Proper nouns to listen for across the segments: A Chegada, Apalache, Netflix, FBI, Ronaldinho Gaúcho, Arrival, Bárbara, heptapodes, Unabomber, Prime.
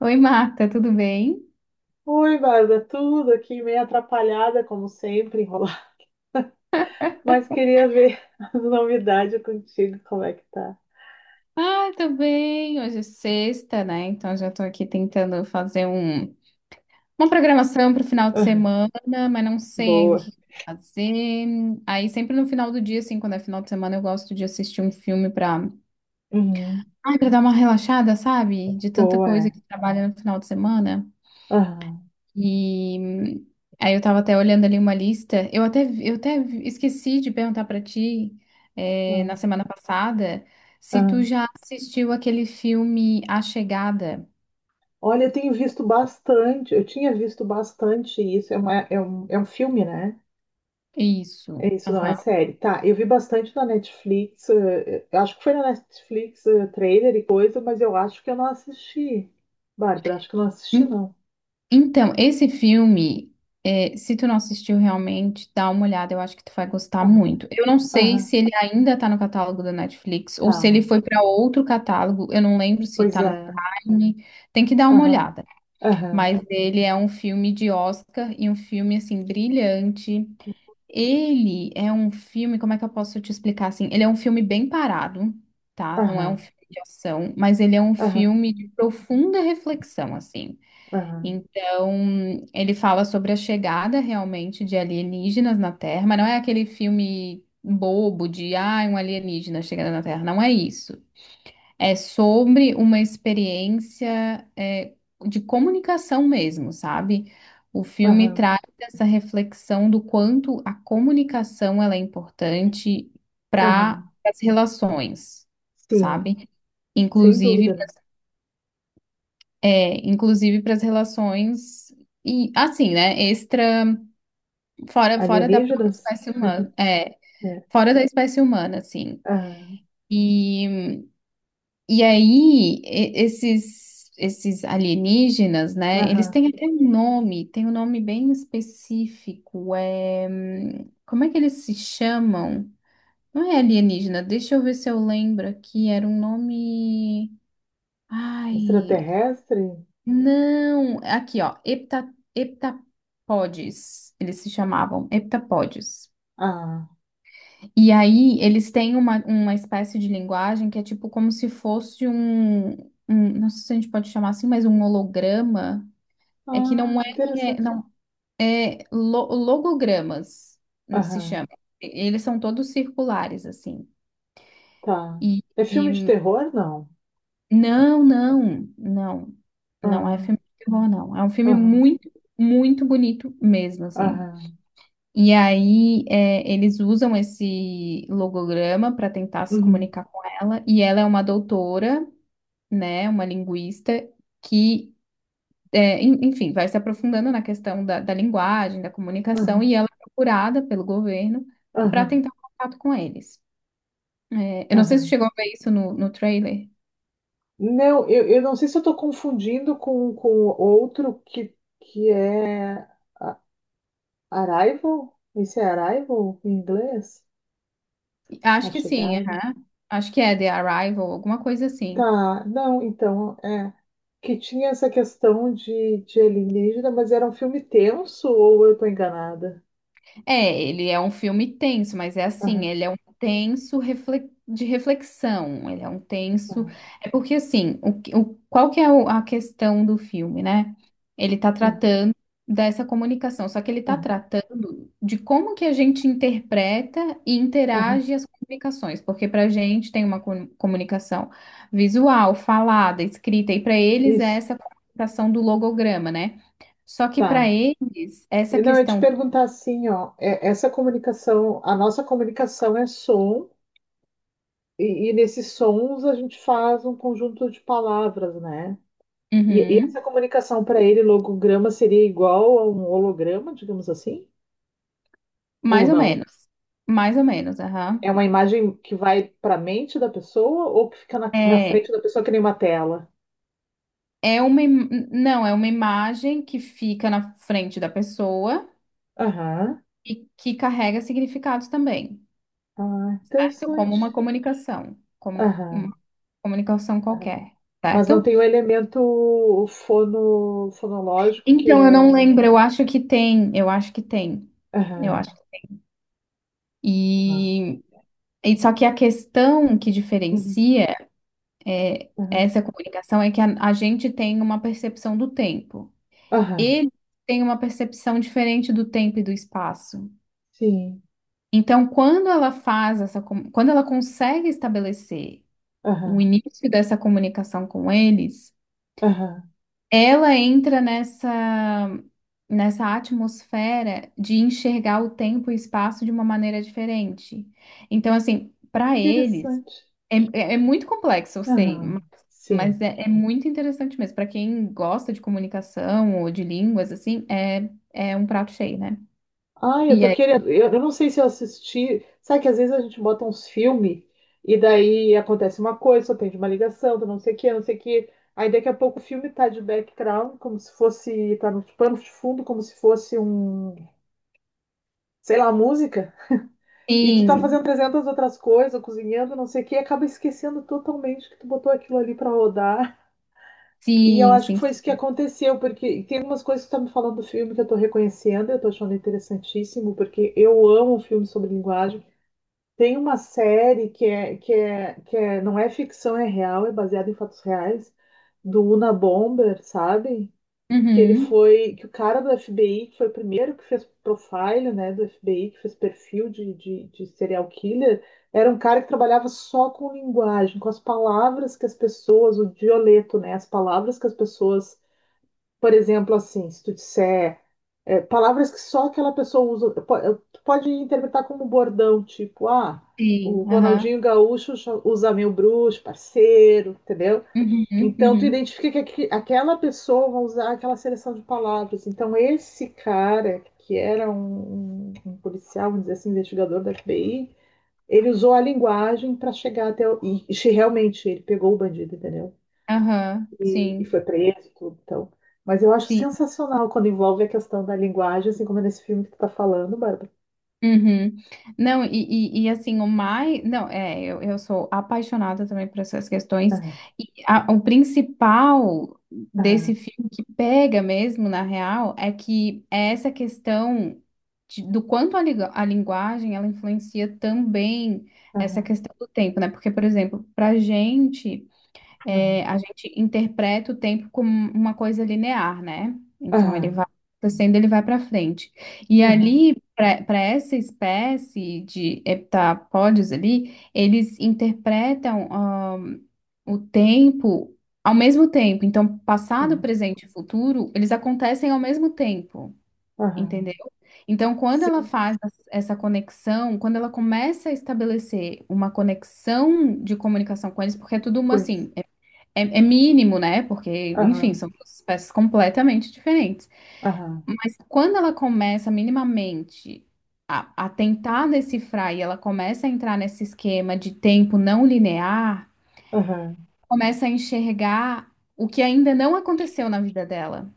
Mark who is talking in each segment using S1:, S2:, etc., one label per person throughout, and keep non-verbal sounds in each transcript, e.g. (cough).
S1: Oi, Marta, tudo bem?
S2: Oi, Bárbara, tudo aqui meio atrapalhada, como sempre, enrolar. (laughs) Mas queria ver as novidades contigo, como é que tá?
S1: Ah, tô bem. Hoje é sexta, né? Então já tô aqui tentando fazer uma programação para o final de
S2: Aham.
S1: semana, mas não sei ainda o
S2: Boa.
S1: que que eu vou fazer. Aí sempre no final do dia, assim, quando é final de semana, eu gosto de assistir um filme para,
S2: Uhum.
S1: ai, para dar uma relaxada, sabe? De tanta
S2: Boa,
S1: coisa
S2: é.
S1: que trabalha no final de semana.
S2: Aham,
S1: E hum, Aí eu tava até olhando ali uma lista. Eu até esqueci de perguntar pra ti, na
S2: aham,
S1: semana passada, se tu
S2: aham.
S1: já assistiu aquele filme A Chegada.
S2: Olha, eu tenho visto bastante, eu tinha visto bastante isso, é, é é um filme, né?
S1: Isso.
S2: É isso, não é
S1: Aham.
S2: série. Tá, eu vi bastante na Netflix, eu acho que foi na Netflix, trailer e coisa, mas eu acho que eu não assisti. Bárbara, acho que eu não assisti,
S1: Hum,
S2: não.
S1: então, esse filme, se tu não assistiu realmente, dá uma olhada, eu acho que tu vai gostar
S2: Aham,
S1: muito. Eu não sei
S2: aham,
S1: se ele ainda tá no catálogo da Netflix ou se ele
S2: tá.
S1: foi pra outro catálogo. Eu não lembro se
S2: Pois
S1: tá no
S2: é.
S1: Prime. Tem que dar uma
S2: Aham.
S1: olhada.
S2: Aham.
S1: Mas ele é um filme de Oscar e um filme assim brilhante. Ele é um filme, como é que eu posso te explicar assim? Ele é um filme bem parado, tá? Não é um
S2: Aham.
S1: filme de ação, mas ele é um
S2: Aham.
S1: filme de profunda reflexão, assim.
S2: Aham.
S1: Então, ele fala sobre a chegada realmente de alienígenas na Terra, mas não é aquele filme bobo de, ah, um alienígena chegando na Terra, não é isso. É sobre uma experiência é, de comunicação mesmo, sabe? O filme
S2: Aham.
S1: traz essa reflexão do quanto a comunicação ela é importante para
S2: Aham.
S1: as relações,
S2: Sim.
S1: sabe?
S2: Sem
S1: Inclusive,
S2: dúvida, né?
S1: é, inclusive para as relações e assim, né? Extra fora da própria
S2: Alienígenas?
S1: espécie humana, é,
S2: Né?
S1: fora da espécie humana, assim.
S2: Aham.
S1: E E aí, e- esses, esses alienígenas, né? Eles
S2: Aham.
S1: têm até um nome, tem um nome bem específico. É... como é que eles se chamam? Não é alienígena, deixa eu ver se eu lembro aqui. Era um nome. Ai,
S2: Extraterrestre?
S1: não! Aqui, ó, hepta... heptapodes. Eles se chamavam heptapodes.
S2: Ah.
S1: E aí, eles têm uma espécie de linguagem que é tipo como se fosse um, um- não sei se a gente pode chamar assim, mas um holograma. É que
S2: Ah,
S1: não é,
S2: que interessante.
S1: não, é lo- logogramas, se chama.
S2: Aham.
S1: E- eles são todos circulares, assim.
S2: Tá.
S1: E,
S2: É filme de
S1: e-
S2: terror? Não.
S1: não, não, não, não é
S2: Aham.
S1: filme de terror, não. É um filme
S2: Aham.
S1: muito, muito bonito mesmo, assim.
S2: Aham.
S1: E aí, é, eles usam esse logograma para tentar se
S2: Uhum.
S1: comunicar com ela. E ela é uma doutora, né, uma linguista, que, é, en- enfim, vai se aprofundando na questão da, da linguagem, da comunicação.
S2: Aham.
S1: E ela é procurada pelo governo para
S2: Aham.
S1: tentar um contato com eles. É, eu não sei se
S2: Aham.
S1: chegou a ver isso no, no trailer.
S2: Não, eu não sei se eu estou confundindo com outro que é. Arrival? Esse é Arrival em inglês? A
S1: Acho que sim,
S2: chegada?
S1: aham. Acho que é The Arrival, alguma coisa assim.
S2: Tá, não, então, é. Que tinha essa questão de alienígena, mas era um filme tenso ou eu tô enganada?
S1: É, ele é um filme tenso, mas é assim,
S2: Aham,
S1: ele é um tenso refle- de reflexão, ele é um tenso.
S2: aham,
S1: É porque assim, o, que- o- qual que é o- a questão do filme, né? Ele tá
S2: aham,
S1: tratando dessa comunicação, só que ele tá
S2: aham,
S1: tratando de como que a gente interpreta e
S2: aham.
S1: interage as comunicações, porque pra gente tem uma com- comunicação visual, falada, escrita, e pra eles é
S2: Isso,
S1: essa comunicação do logograma, né? Só que pra
S2: tá.
S1: eles, essa
S2: E não, eu ia te
S1: questão.
S2: perguntar assim, ó, essa comunicação, a nossa comunicação é som, e nesses sons a gente faz um conjunto de palavras, né? E essa
S1: Uhum.
S2: comunicação para ele, logograma, seria igual a um holograma, digamos assim? Ou
S1: Mais ou
S2: não?
S1: menos. Mais ou menos, aham.
S2: É uma imagem que vai para a mente da pessoa ou que fica na
S1: É,
S2: frente da pessoa que nem uma tela?
S1: é uma, im- não, é uma imagem que fica na frente da pessoa
S2: Aham.
S1: e que carrega significados também,
S2: Ah,
S1: certo?
S2: interessante.
S1: Como
S2: Aham,
S1: uma comunicação
S2: aham.
S1: qualquer,
S2: Mas não
S1: certo?
S2: tem o elemento fono, fonológico que
S1: Então, eu não
S2: é.
S1: lembro, eu acho que tem, eu acho.
S2: Aham. Tá.
S1: E, e só que a questão que
S2: Uhum.
S1: diferencia
S2: Aham.
S1: essa comunicação é que a gente tem uma percepção do tempo.
S2: Aham.
S1: Ele tem uma percepção diferente do tempo e do espaço.
S2: Sim.
S1: Então, quando ela faz essa, com- quando ela consegue estabelecer o
S2: Aham.
S1: início dessa comunicação com eles,
S2: Aham.
S1: ela entra nessa nessa atmosfera de enxergar o tempo e espaço de uma maneira diferente. Então, assim,
S2: Que
S1: para eles
S2: interessante.
S1: é, é- é muito complexo, eu sei,
S2: Aham. Sim.
S1: mas é, é muito interessante mesmo. Para quem gosta de comunicação ou de línguas, assim, é, é um prato cheio, né?
S2: Ai, eu
S1: E
S2: tô
S1: aí,
S2: querendo. Eu não sei se eu assisti. Sabe que às vezes a gente bota uns filmes e daí acontece uma coisa, só tem de uma ligação, do não sei o que, não sei o que. Aí daqui a pouco o filme tá de background, como se fosse. Tá no pano de fundo, como se fosse um. Sei lá, música. E tu tá
S1: sim,
S2: fazendo 300 outras coisas, cozinhando, não sei o que, e acaba esquecendo totalmente que tu botou aquilo ali pra rodar. E eu
S1: sim,
S2: acho que
S1: sim,
S2: foi isso que
S1: sim.
S2: aconteceu, porque tem algumas coisas que tu tá me falando do filme que eu tô reconhecendo, eu tô achando interessantíssimo, porque eu amo filme sobre linguagem. Tem uma série que é, não é ficção, é real, é baseada em fatos reais, do Una Bomber, sabe?
S1: Uhum,
S2: Que o cara do FBI, que foi o primeiro que fez profile, né, do FBI, que fez perfil de serial killer, era um cara que trabalhava só com linguagem, com as palavras que as pessoas, o dioleto, né, as palavras que as pessoas, por exemplo, assim, se tu disser é, palavras que só aquela pessoa usa. Pode interpretar como um bordão, tipo, ah,
S1: sim,
S2: o
S1: aham,
S2: Ronaldinho Gaúcho usa meu bruxo, parceiro, entendeu?
S1: uhum,
S2: Então tu
S1: uhum,
S2: identifica que aquela pessoa vai usar aquela seleção de palavras. Então esse cara, que era um policial, vamos dizer assim, investigador da FBI, ele usou a linguagem para chegar até o... E, e realmente ele pegou o bandido, entendeu?
S1: aham,
S2: E
S1: sim,
S2: foi preso e tudo, então. Mas eu acho
S1: sim,
S2: sensacional quando envolve a questão da linguagem, assim como é nesse filme que tu tá falando, Bárbara.
S1: uhum. Não, e assim, o mais, não, é, eu sou apaixonada também por essas questões,
S2: Aham,
S1: e a- o principal desse
S2: aham,
S1: filme que pega mesmo, na real, é que é essa questão de- do quanto a, liga- a linguagem, ela influencia também essa
S2: aham,
S1: questão do tempo, né? Porque, por exemplo, pra gente...
S2: aham,
S1: é, a gente interpreta o tempo como uma coisa linear, né? Então ele
S2: aham,
S1: vai acontecendo, ele vai para frente. E
S2: aham,
S1: ali, para essa espécie de heptapódios ali, eles interpretam o tempo ao mesmo tempo. Então, passado,
S2: aham,
S1: presente e futuro, eles acontecem ao mesmo tempo.
S2: aham.
S1: Entendeu? Então, quando ela
S2: Sim,
S1: faz as- essa conexão, quando ela começa a estabelecer uma conexão de comunicação com eles, porque é tudo uma
S2: pois.
S1: assim, é, é mínimo, né? Porque, enfim,
S2: Aham,
S1: são duas espécies completamente diferentes.
S2: aham,
S1: Mas quando ela começa minimamente a tentar decifrar e ela começa a entrar nesse esquema de tempo não linear,
S2: aham.
S1: começa a enxergar o que ainda não aconteceu na vida dela,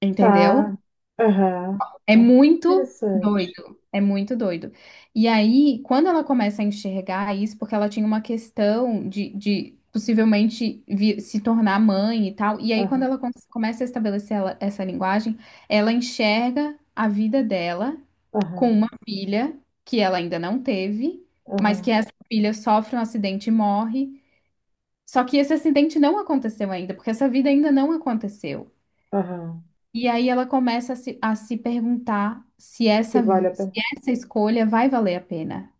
S1: entendeu?
S2: Tá. Aham.
S1: É muito
S2: Interessante.
S1: doido, é muito doido. E aí, quando ela começa a enxergar isso, porque ela tinha uma questão de possivelmente vi- se tornar mãe e tal, e aí quando
S2: Aham,
S1: ela com- começa a estabelecer ela- essa linguagem, ela enxerga a vida dela com uma
S2: aham,
S1: filha que ela ainda não teve, mas que
S2: aham,
S1: essa filha sofre um acidente e morre. Só que esse acidente não aconteceu ainda, porque essa vida ainda não aconteceu.
S2: aham.
S1: E aí ela começa a se perguntar se
S2: Se
S1: essa,
S2: vale a
S1: se
S2: pena.
S1: essa escolha vai valer a pena,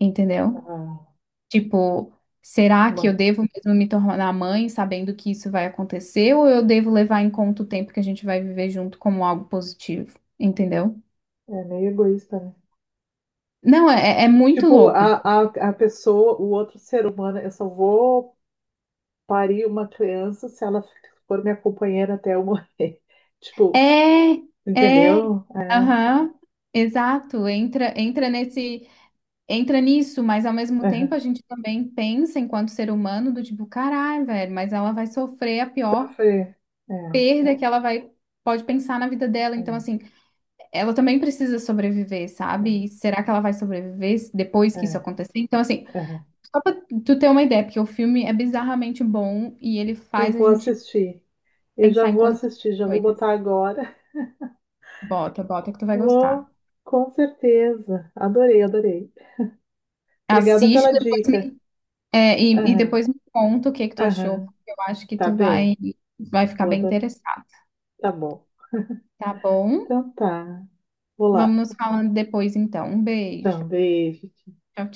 S1: entendeu?
S2: Aham.
S1: Tipo, será que eu
S2: Bom,
S1: devo mesmo me tornar mãe sabendo que isso vai acontecer, ou eu devo levar em conta o tempo que a gente vai viver junto como algo positivo, entendeu?
S2: é meio egoísta, né?
S1: Não, é, é muito
S2: Tipo,
S1: louco.
S2: a pessoa, o outro ser humano, eu só vou parir uma criança se ela for minha companheira até eu morrer. (laughs) Tipo,
S1: É, é,
S2: entendeu? É,
S1: aham, exato, entra, entra nesse. Entra nisso, mas ao mesmo tempo
S2: aham.
S1: a gente também pensa enquanto ser humano do tipo, caralho, velho, mas ela vai sofrer a pior
S2: Sofrer. É,
S1: perda que ela vai pode pensar na vida dela, então
S2: é,
S1: assim, ela também precisa sobreviver,
S2: é,
S1: sabe? E será que ela vai sobreviver depois
S2: é,
S1: que isso acontecer? Então assim,
S2: aham.
S1: só pra tu ter uma ideia, porque o filme é bizarramente bom e ele
S2: Eu
S1: faz a
S2: vou
S1: gente
S2: assistir. Eu já
S1: pensar em
S2: vou
S1: coisas
S2: assistir, já vou
S1: doidas.
S2: botar agora. (laughs)
S1: Bota, bota que tu vai gostar.
S2: Vou, com certeza. Adorei, adorei. Obrigada
S1: Assiste
S2: pela
S1: depois
S2: dica.
S1: me é, e
S2: Aham,
S1: depois me conta o que que tu achou,
S2: aham.
S1: porque eu acho que
S2: Tá
S1: tu vai,
S2: bem.
S1: vai ficar
S2: Vou
S1: bem
S2: adotar.
S1: interessado,
S2: Tá bom.
S1: tá bom?
S2: Então tá. Vou
S1: Vamos
S2: lá.
S1: nos falando depois, então. Um beijo.
S2: Então, beijo.
S1: Tchau, tchau.